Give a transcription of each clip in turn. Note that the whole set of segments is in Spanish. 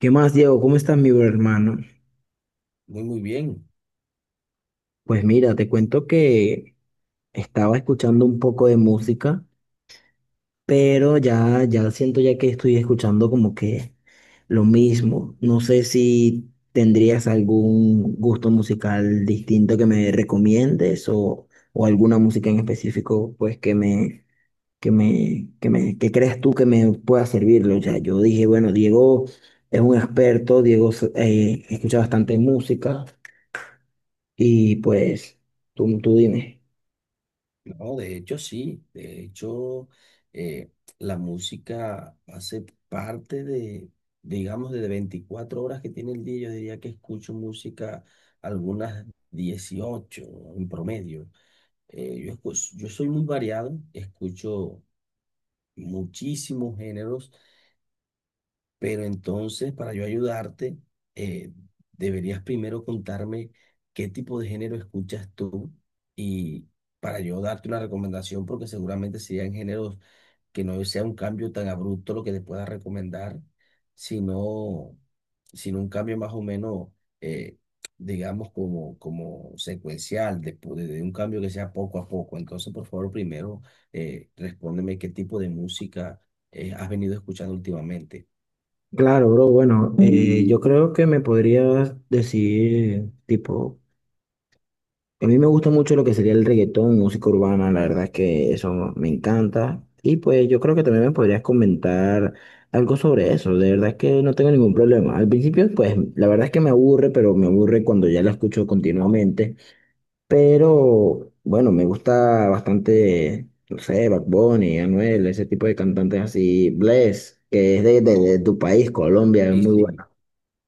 ¿Qué más, Diego? ¿Cómo estás, mi bro hermano? Muy bien. Pues mira, te cuento que estaba escuchando un poco de música, pero ya, ya siento ya que estoy escuchando como que lo mismo. No sé si tendrías algún gusto musical distinto que me recomiendes o alguna música en específico, pues que me, que creas tú que me pueda servirlo. O sea, yo dije, bueno, Diego es un experto, Diego escucha bastante música. Y pues, tú dime. No, de hecho, sí. De hecho, eh, la música hace parte de, digamos, de 24 horas que tiene el día. Yo diría que escucho música algunas 18 en promedio. Yo soy muy variado, escucho muchísimos géneros. Pero entonces, para yo ayudarte, eh, deberías primero contarme qué tipo de género escuchas tú y para yo darte una recomendación, porque seguramente serían géneros que no sea un cambio tan abrupto lo que te pueda recomendar, sino, sino un cambio más o menos, eh, digamos, como secuencial, de un cambio que sea poco a poco. Entonces, por favor, primero, respóndeme qué tipo de música, has venido escuchando últimamente. Claro, bro, bueno, yo creo que me podrías decir, tipo, a mí me gusta mucho lo que sería el reggaetón, música urbana, la verdad es que eso me encanta. Y pues yo creo que también me podrías comentar algo sobre eso, de verdad es que no tengo ningún problema. Al principio, pues, la verdad es que me aburre, pero me aburre cuando ya la escucho continuamente. Pero bueno, me gusta bastante, no sé, Bad Bunny, Anuel, ese tipo de cantantes así. Bless, que es de tu país, Colombia, es Sí, muy bueno. sí,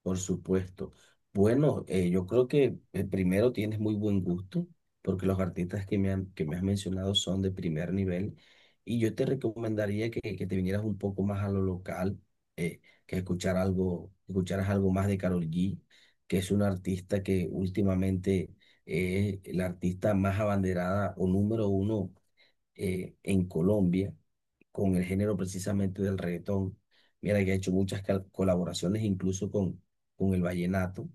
por supuesto. Bueno, yo creo que primero tienes muy buen gusto, porque los artistas que me has mencionado son de primer nivel, y yo te recomendaría que te vinieras un poco más a lo local, eh, que escucharas algo más de Karol G, que es una artista que últimamente es la artista más abanderada o número uno, en Colombia con el género precisamente del reggaetón. Mira que ha hecho muchas colaboraciones incluso con el vallenato.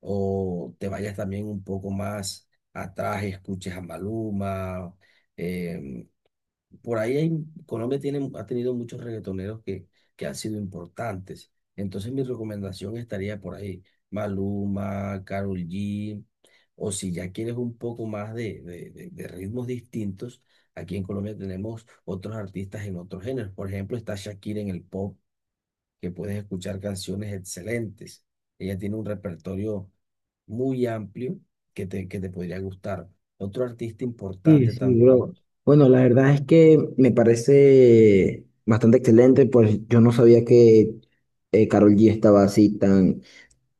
O te vayas también un poco más atrás, escuches a Maluma, eh, por ahí Colombia tiene, ha tenido muchos reggaetoneros que han sido importantes. Entonces mi recomendación estaría por ahí, Maluma, Karol G, o si ya quieres un poco más de ritmos distintos, aquí en Colombia tenemos otros artistas en otros géneros. Por ejemplo, está Shakira en el pop, que puedes escuchar canciones excelentes. Ella tiene un repertorio muy amplio que te podría gustar. Otro artista Sí, importante sí, bro. también Bueno, la verdad es que me parece bastante excelente, pues yo no sabía que Karol G estaba así tan,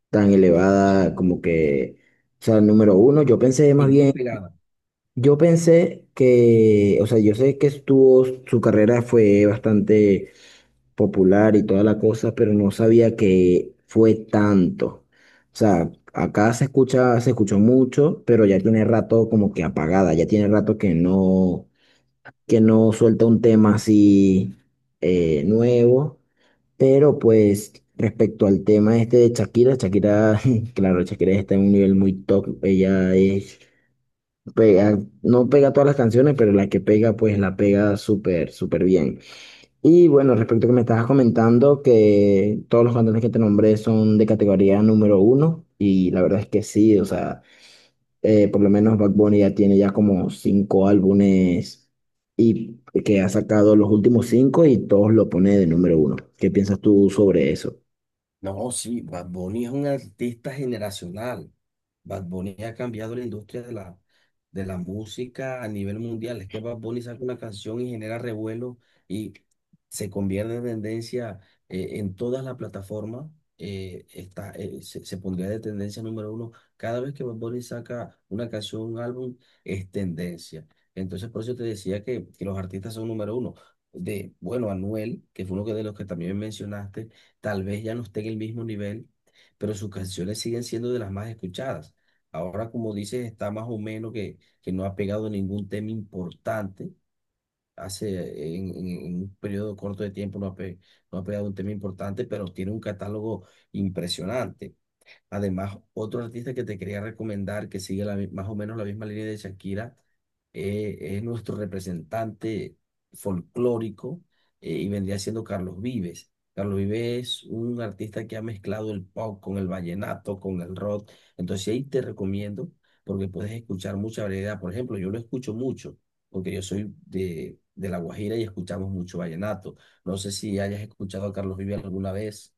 tan elevada, como que, o sea, número uno. Yo pensé y más muy bien. pegada. Yo pensé que, o sea, yo sé que estuvo, su carrera fue bastante popular y toda la cosa, pero no sabía que fue tanto. O sea, acá se escucha, se escuchó mucho, pero ya tiene rato como que apagada, ya tiene rato que no suelta un tema así nuevo. Pero pues respecto al tema este de Shakira, Shakira, claro, Shakira está en un nivel muy top. Ella es, pega, no pega todas las canciones, pero la que pega, pues la pega súper, súper bien. Y bueno, respecto a que me estabas comentando que todos los cantones que te nombré son de categoría número uno y la verdad es que sí, o sea, por lo menos Bad Bunny ya tiene ya como cinco álbumes y que ha sacado los últimos cinco y todos lo pone de número uno. ¿Qué piensas tú sobre eso? No, sí, Bad Bunny es un artista generacional. Bad Bunny ha cambiado la industria de la música a nivel mundial. Es que Bad Bunny saca una canción y genera revuelo y se convierte en tendencia, en todas las plataformas. Se pondría de tendencia número uno. Cada vez que Bad Bunny saca una canción, un álbum, es tendencia. Entonces, por eso te decía que los artistas son número uno. De, bueno, Anuel, que fue uno de los que también mencionaste, tal vez ya no esté en el mismo nivel, pero sus canciones siguen siendo de las más escuchadas. Ahora, como dices, está más o menos que no ha pegado ningún tema importante. En un periodo corto de tiempo no ha pegado un tema importante, pero tiene un catálogo impresionante. Además, otro artista que te quería recomendar que sigue la más o menos la misma línea de Shakira, es nuestro representante folclórico, y vendría siendo Carlos Vives. Carlos Vives es un artista que ha mezclado el pop con el vallenato, con el rock. Entonces sí, ahí te recomiendo porque puedes escuchar mucha variedad. Por ejemplo, yo lo escucho mucho porque yo soy de La Guajira y escuchamos mucho vallenato. No sé si hayas escuchado a Carlos Vives alguna vez.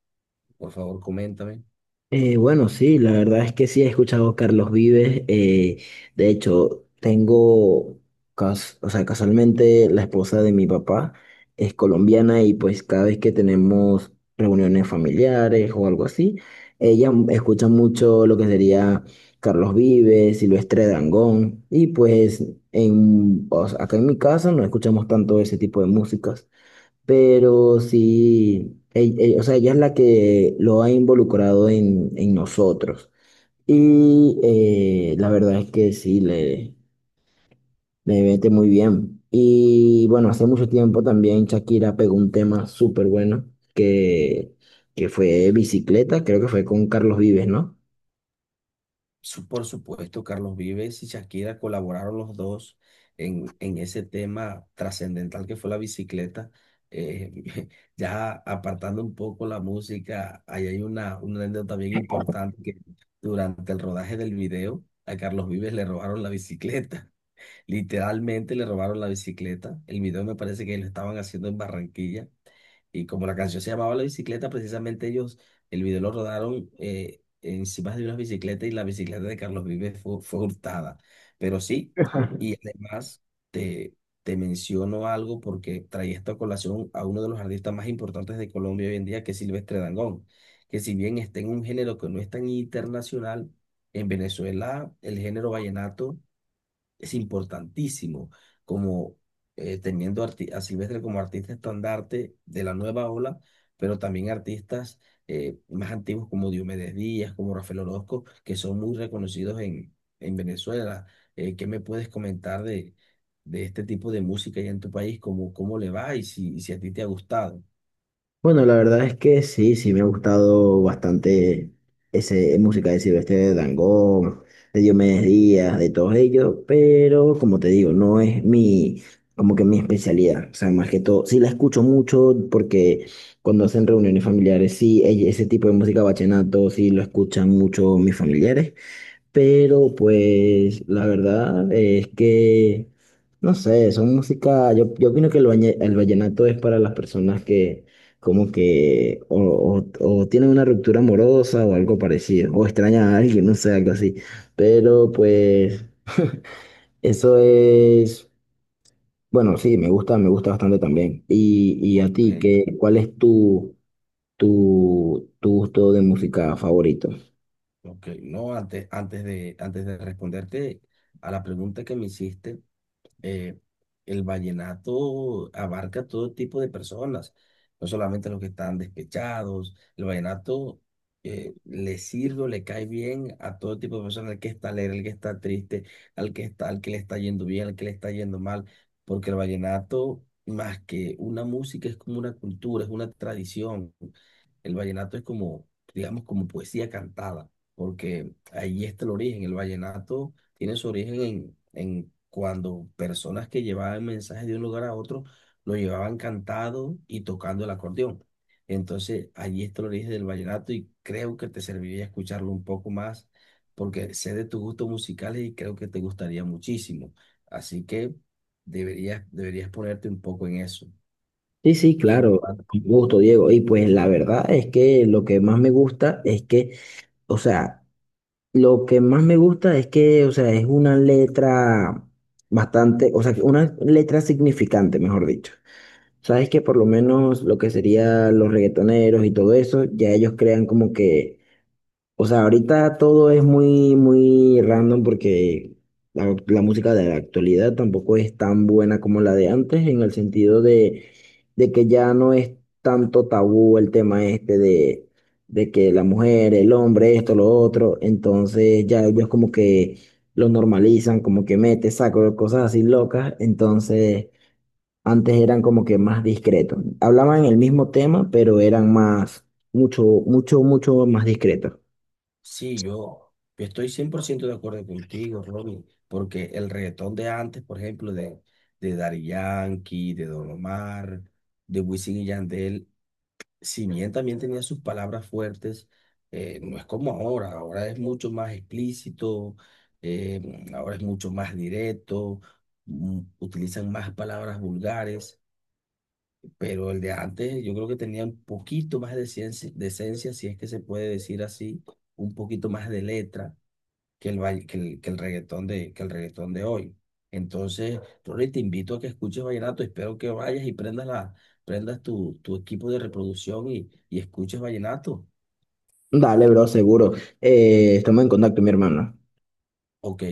Por favor, coméntame. Bueno, sí, la verdad es que sí he escuchado a Carlos Vives. De hecho, tengo, o sea, casualmente la esposa de mi papá es colombiana y pues cada vez que tenemos reuniones familiares o algo así, ella escucha mucho lo que sería Carlos Vives, Silvestre Dangond y pues en, o sea, acá en mi casa no escuchamos tanto ese tipo de músicas pero sí, o sea, ella es la que lo ha involucrado en nosotros. Y la verdad es que sí, le mete muy bien. Y bueno, hace mucho tiempo también Shakira pegó un tema súper bueno, que, que fue bicicleta, creo que fue con Carlos Vives, ¿no? Por supuesto, Carlos Vives y Shakira colaboraron los dos en ese tema trascendental que fue la bicicleta. Eh, ya apartando un poco la música, ahí hay una anécdota bien importante que durante el rodaje del video a Carlos Vives le robaron la bicicleta. Literalmente le robaron la bicicleta. El video me parece que lo estaban haciendo en Barranquilla. Y como la canción se llamaba La bicicleta, precisamente ellos, el video lo rodaron, encima de una bicicleta, y la bicicleta de Carlos Vives fue, fue hurtada. Pero sí, y además te, te menciono algo porque traía esta colación a uno de los artistas más importantes de Colombia hoy en día, que es Silvestre Dangond, que si bien está en un género que no es tan internacional, en Venezuela el género vallenato es importantísimo, como, a Silvestre como artista estandarte de la nueva ola, pero también artistas, más antiguos como Diomedes Díaz, como Rafael Orozco, que son muy reconocidos en Venezuela. ¿Qué me puedes comentar de este tipo de música allá en tu país? ¿Cómo, cómo le va y si a ti te ha gustado? Bueno, la verdad es que sí, sí me ha gustado bastante ese música de Silvestre Dangond, de Diomedes Díaz, de todos ellos, pero como te digo, no es mi, como que mi especialidad. O sea, más que todo, sí la escucho mucho porque cuando hacen reuniones familiares, sí, ese tipo de música vallenato, sí lo escuchan mucho mis familiares. Pero pues la verdad es que, no sé, son música, yo opino que el, el vallenato es para las personas que como que o, o tienen una ruptura amorosa o algo parecido, o extrañan a alguien, no sé, algo así. Pero pues eso es, bueno, sí, me gusta bastante también. Y a Ok, ti, ¿qué, cuál es tu, gusto de música favorito? ok. No, antes de responderte a la pregunta que me hiciste, eh, el vallenato abarca todo tipo de personas, no solamente los que están despechados. El vallenato, le sirve o le cae bien a todo tipo de personas, al que está alegre, al que está triste, al que le está yendo bien, al que le está yendo mal, porque el vallenato, más que una música, es como una cultura, es una tradición. El vallenato es como, digamos, como poesía cantada, porque ahí está el origen. El vallenato tiene su origen en cuando personas que llevaban mensajes de un lugar a otro lo llevaban cantado y tocando el acordeón. Entonces, allí está el origen del vallenato y creo que te serviría escucharlo un poco más, porque sé de tus gustos musicales y creo que te gustaría muchísimo. Así que deberías ponerte un poco en eso. Sí, sí, Y en claro, cuanto con gusto, Diego. Y pues la verdad es que lo que más me gusta es que, o sea, lo que más me gusta es que, o sea, es una letra bastante, o sea, que una letra significante, mejor dicho. Sabes que por lo menos lo que sería los reggaetoneros y todo eso, ya ellos crean como que o sea, ahorita todo es muy, muy random porque la música de la actualidad tampoco es tan buena como la de antes, en el sentido de que ya no es tanto tabú el tema este de que la mujer, el hombre, esto, lo otro. Entonces ya ellos como que lo normalizan, como que mete, saco, cosas así locas. Entonces antes eran como que más discretos. Hablaban el mismo tema, pero eran más, mucho, mucho, mucho más discretos. sí, yo estoy 100% de acuerdo contigo, Ronnie, porque el reggaetón de antes, por ejemplo, de Daddy Yankee, de Don Omar, de Wisin y Yandel, si bien también tenía sus palabras fuertes, no es como ahora, ahora es mucho más explícito, ahora es mucho más directo, utilizan más palabras vulgares, pero el de antes yo creo que tenía un poquito más de ciencia, de esencia, si es que se puede decir así, un poquito más de letra que el reggaetón que el reggaetón de hoy. Entonces, Rory, te invito a que escuches vallenato. Espero que vayas y prendas tu equipo de reproducción y escuches vallenato. Dale, bro, seguro. Estamos en contacto, mi hermano. Ok.